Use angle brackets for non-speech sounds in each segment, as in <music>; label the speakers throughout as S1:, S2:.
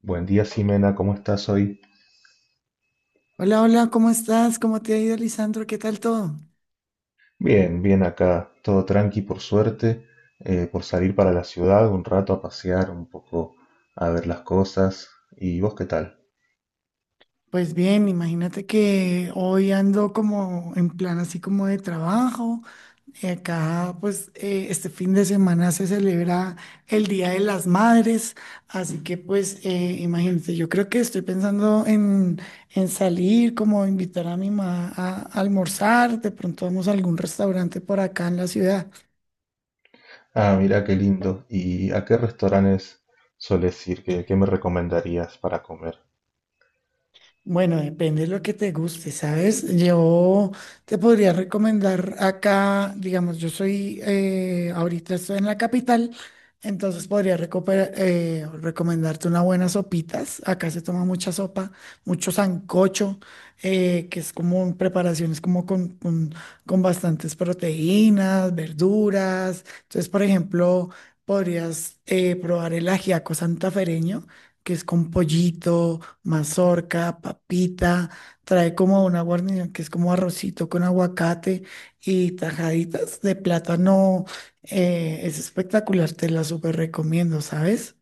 S1: Buen día, Ximena, ¿cómo estás hoy?
S2: Hola, hola, ¿cómo estás? ¿Cómo te ha ido, Lisandro? ¿Qué tal todo?
S1: Bien, bien acá, todo tranqui por suerte, por salir para la ciudad un rato a pasear, un poco a ver las cosas. ¿Y vos qué tal?
S2: Pues bien, imagínate que hoy ando como en plan así como de trabajo. Acá, pues, este fin de semana se celebra el Día de las Madres, así que, pues, imagínate, yo creo que estoy pensando en salir, como invitar a mi mamá a almorzar, de pronto vamos a algún restaurante por acá en la ciudad.
S1: Ah, mira qué lindo. ¿Y a qué restaurantes sueles ir? ¿Qué me recomendarías para comer?
S2: Bueno, depende de lo que te guste, ¿sabes? Yo te podría recomendar acá, digamos, yo soy, ahorita estoy en la capital, entonces recomendarte unas buenas sopitas. Acá se toma mucha sopa, mucho sancocho, que es como preparaciones como con bastantes proteínas, verduras. Entonces, por ejemplo, podrías probar el ajiaco santafereño que es con pollito, mazorca, papita, trae como una guarnición que es como arrocito con aguacate y tajaditas de plátano. Es espectacular, te la súper recomiendo, ¿sabes?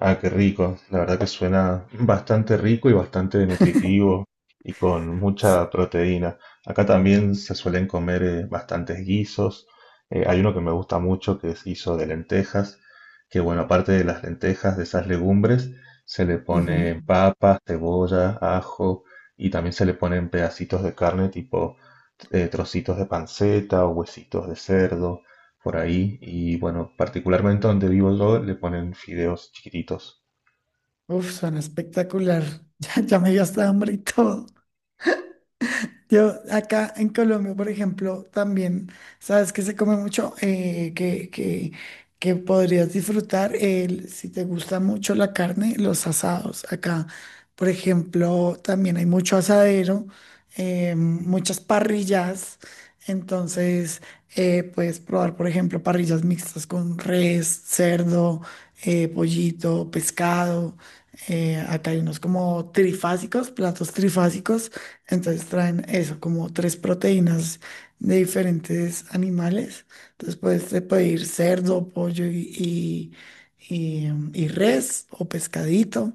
S1: Ah, qué rico. La verdad que suena bastante rico y bastante nutritivo y con
S2: S-
S1: mucha proteína. Acá también se suelen comer bastantes guisos. Hay uno que me gusta mucho que es guiso de lentejas, que bueno, aparte de las lentejas, de esas legumbres, se le
S2: Ujú.
S1: ponen papas, cebolla, ajo y también se le ponen pedacitos de carne tipo trocitos de panceta o huesitos de cerdo por ahí. Y bueno, particularmente donde vivo yo le ponen fideos chiquititos.
S2: Uf, suena espectacular. <laughs> Ya me dio hasta hambre y todo. Yo acá en Colombia, por ejemplo, también, sabes que se come mucho. Que podrías disfrutar, el, si te gusta mucho la carne, los asados. Acá, por ejemplo, también hay mucho asadero, muchas parrillas, entonces puedes probar, por ejemplo, parrillas mixtas con res, cerdo, pollito, pescado. Acá hay unos como trifásicos, platos trifásicos, entonces traen eso, como tres proteínas de diferentes animales. Entonces puedes te pedir cerdo, pollo y res o pescadito.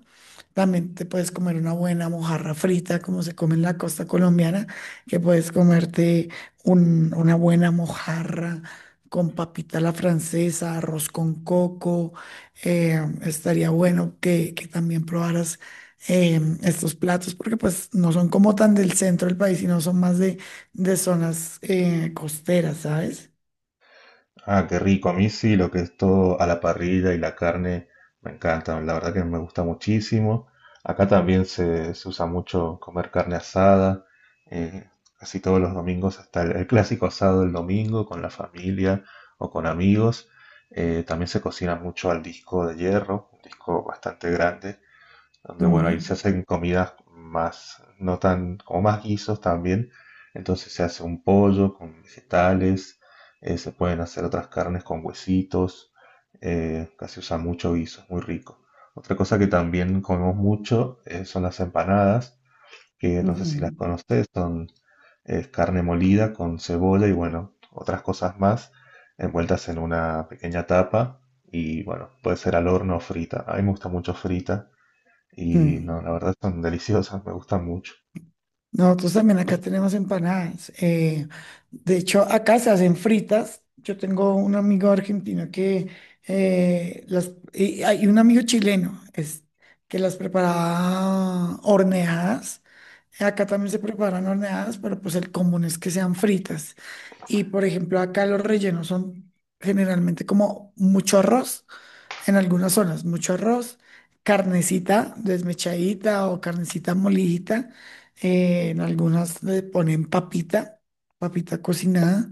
S2: También te puedes comer una buena mojarra frita, como se come en la costa colombiana, que puedes comerte una buena mojarra con papita a la francesa, arroz con coco. Estaría bueno que también probaras estos platos porque pues no son como tan del centro del país, sino son más de zonas costeras, ¿sabes?
S1: Ah, qué rico. A mí sí, lo que es todo a la parrilla y la carne me encanta. La verdad que me gusta muchísimo. Acá también se usa mucho comer carne asada. eh, Casi todos los domingos está el clásico asado del domingo con la familia o con amigos. También se cocina mucho al disco de hierro, un disco bastante grande donde bueno, ahí se
S2: Mm,
S1: hacen comidas más, no tan, como más guisos también. Entonces se hace un pollo con vegetales, se pueden hacer otras carnes con huesitos, casi usa mucho guiso, es muy rico. Otra cosa que también comemos mucho son las empanadas, que no sé si las
S2: ujú,
S1: conoces, son carne molida con cebolla y bueno, otras cosas más envueltas en una pequeña tapa y bueno, puede ser al horno o frita. A mí me gusta mucho frita y
S2: mm.
S1: no, la verdad están <laughs> deliciosas, me gustan mucho.
S2: Nosotros también acá tenemos empanadas. De hecho, acá se hacen fritas. Yo tengo un amigo argentino que las y hay un amigo chileno es, que las preparaba horneadas. Acá también se preparan horneadas, pero pues el común es que sean fritas. Y por ejemplo, acá los rellenos son generalmente como mucho arroz, en algunas zonas, mucho arroz, carnecita desmechadita o carnecita molidita, en algunas le ponen papita, papita cocinada,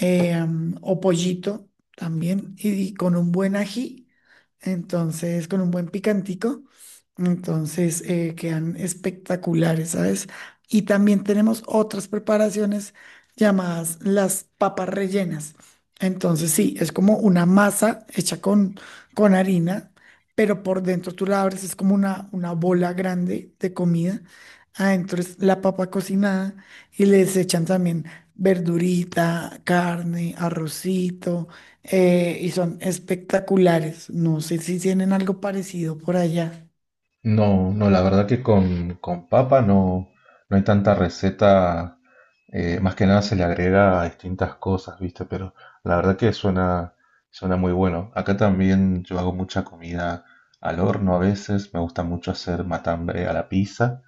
S2: o pollito también, y con un buen ají, entonces, con un buen picantico, entonces quedan espectaculares, ¿sabes? Y también tenemos otras preparaciones llamadas las papas rellenas. Entonces, sí, es como una masa hecha con harina, pero por dentro tú la abres, es como una bola grande de comida. Adentro es la papa cocinada y les echan también verdurita, carne, arrocito, y son espectaculares. No sé si tienen algo parecido por allá.
S1: No, no, la verdad que con papa no, no hay tanta receta, más que nada se le agrega distintas cosas, ¿viste? Pero la verdad que suena, suena muy bueno. Acá también yo hago mucha comida al horno a veces, me gusta mucho hacer matambre a la pizza.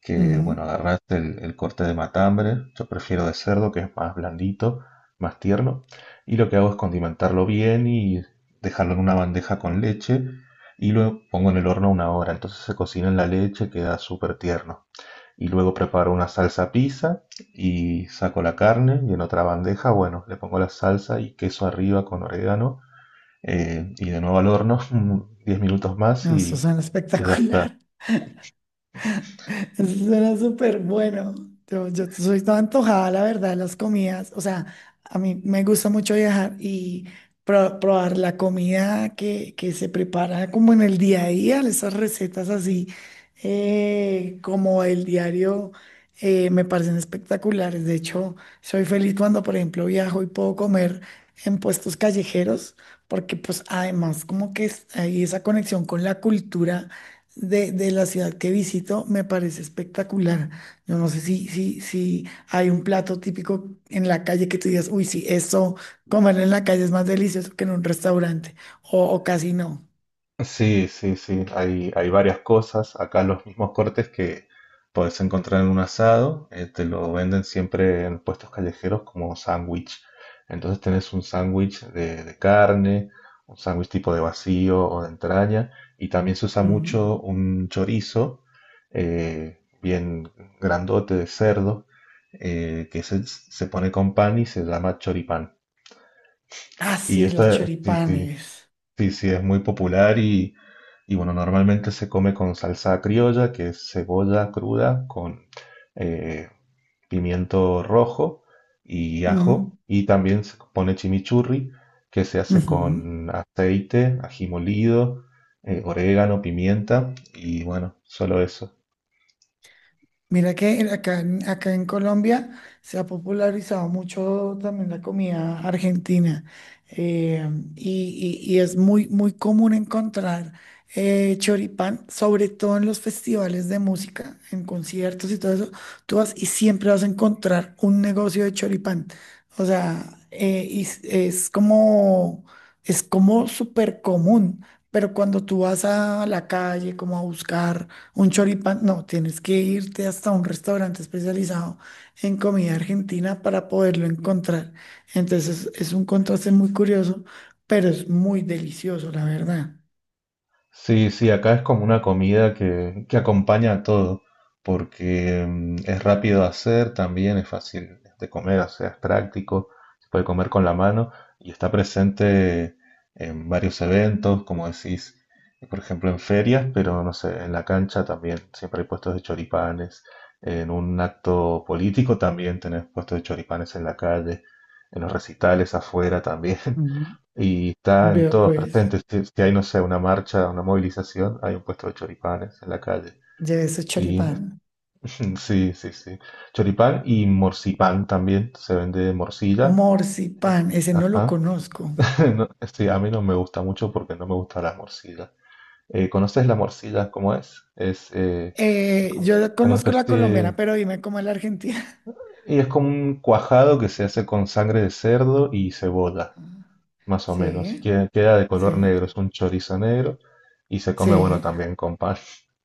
S1: Que,
S2: Mm,
S1: bueno, agarrás el corte de matambre, yo prefiero de cerdo, que es más blandito, más tierno, y lo que hago es condimentarlo bien y dejarlo en una bandeja con leche, y lo pongo en el horno una hora, entonces se cocina en la leche, queda súper tierno. Y luego preparo una salsa pizza y saco la carne y en otra bandeja, bueno, le pongo la salsa y queso arriba con orégano y de nuevo al horno <laughs> 10 minutos más
S2: no, estos
S1: y
S2: son
S1: y ya está.
S2: espectacular. Eso suena súper bueno. Yo soy toda antojada, la verdad, de las comidas. O sea, a mí me gusta mucho viajar y probar la comida que se prepara como en el día a día, esas recetas así como el diario, me parecen espectaculares. De hecho, soy feliz cuando, por ejemplo, viajo y puedo comer en puestos callejeros, porque pues además como que hay esa conexión con la cultura de la ciudad que visito, me parece espectacular. Yo no sé si hay un plato típico en la calle que tú digas, uy, sí, eso, comerlo en la calle es más delicioso que en un restaurante, o casi no.
S1: Sí, sí, sí, hay varias cosas. Acá los mismos cortes que puedes encontrar en un asado, te lo venden siempre en puestos callejeros como sándwich. Entonces tenés un sándwich de carne, un sándwich tipo de vacío o de entraña, y también se usa
S2: Mm.
S1: mucho un chorizo bien grandote de cerdo, que se pone con pan y se llama choripán.
S2: Ah,
S1: Y
S2: sí, los
S1: eso,
S2: choripanes.
S1: sí, sí, es muy popular y bueno, normalmente se come con salsa criolla, que es cebolla cruda con eh, pimiento rojo y
S2: Mm,
S1: ajo. Y también se pone chimichurri, que se hace
S2: ujú.
S1: con aceite, ají molido, orégano, pimienta y bueno, solo eso.
S2: Mira que acá, acá en Colombia se ha popularizado mucho también la comida argentina, eh, y es muy, muy común encontrar choripán, sobre todo en los festivales de música, en conciertos y todo eso. Tú vas y siempre vas a encontrar un negocio de choripán. O sea, y es como súper común, pero cuando tú vas a la calle como a buscar un choripán, no, tienes que irte hasta un restaurante especializado en comida argentina para poderlo encontrar. Entonces es un contraste muy curioso, pero es muy delicioso, la verdad.
S1: Sí, sí, acá es como una comida que acompaña a todo, porque es rápido de hacer, también es fácil de comer, o sea, es práctico, se puede comer con la mano y está presente en varios eventos, como decís, por ejemplo en ferias, pero no sé, en la cancha también, siempre hay puestos de choripanes, en un acto político también tenés puestos de choripanes en la calle, en los recitales afuera también. <laughs>
S2: Ujú.
S1: Y está en
S2: Veo
S1: todos
S2: pues,
S1: presentes. Si, si hay, no sé, una marcha, una movilización, hay un puesto de choripanes en la calle.
S2: lleve ese
S1: Y
S2: choripán.
S1: <laughs> sí, sí, sí. Choripán y morcipán también. Se vende morcilla. Eh,
S2: Morcipán, ese no lo
S1: Ajá.
S2: conozco.
S1: <laughs> No, sí, a mí no me gusta mucho porque no me gusta la morcilla. ¿Conoces la morcilla cómo es? Es como, como una
S2: Conozco la
S1: especie
S2: colombiana,
S1: de-
S2: pero dime cómo es la argentina. <laughs>
S1: Y es como un cuajado que se hace con sangre de cerdo y cebolla.
S2: Ah,
S1: Más o menos. Y
S2: sí,
S1: queda de color
S2: sí,
S1: negro, es un chorizo negro y se come, bueno,
S2: sí.
S1: también con pan. <laughs>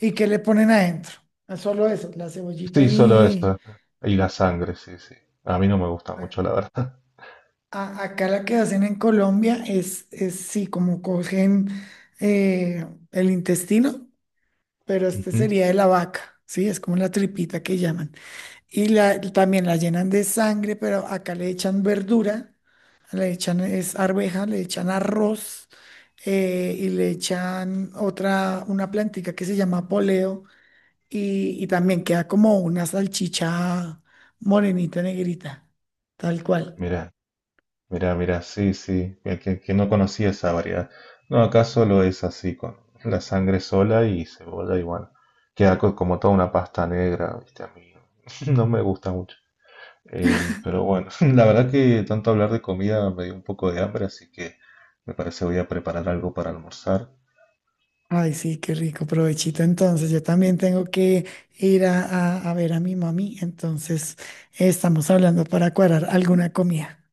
S2: ¿Y qué le ponen adentro? Ah, solo eso, la cebollita
S1: Sí, solo
S2: y
S1: eso. Y la sangre, sí, sí. A mí no me gusta mucho, la verdad.
S2: Acá la que hacen en Colombia es sí, como cogen el intestino, pero
S1: <laughs>
S2: este
S1: Ujú.
S2: sería de la vaca, sí, es como la tripita que llaman. Y la, también la llenan de sangre, pero acá le echan verdura, le echan es arveja, le echan arroz, y le echan otra, una plantica que se llama poleo, y también queda como una salchicha morenita negrita, tal cual.
S1: Mira, mira, mira, sí, sí. Que no conocía esa variedad. No, acá solo es así, con la sangre sola y cebolla y bueno. Queda co- como toda una pasta negra, ¿viste? A mí <laughs> no me gusta mucho. Pero bueno, <laughs> la verdad que tanto hablar de comida me dio un poco de hambre, así que me parece voy a preparar algo para almorzar.
S2: Ay, sí, qué rico, provechito. Entonces, yo también tengo que ir a, a ver a mi mami. Entonces, estamos hablando para cuadrar alguna comida.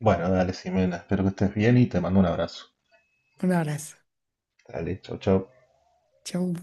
S1: Bueno, dale, Ximena, espero que estés bien y te mando un abrazo.
S2: Un abrazo.
S1: Dale, chau, chau.
S2: Chau.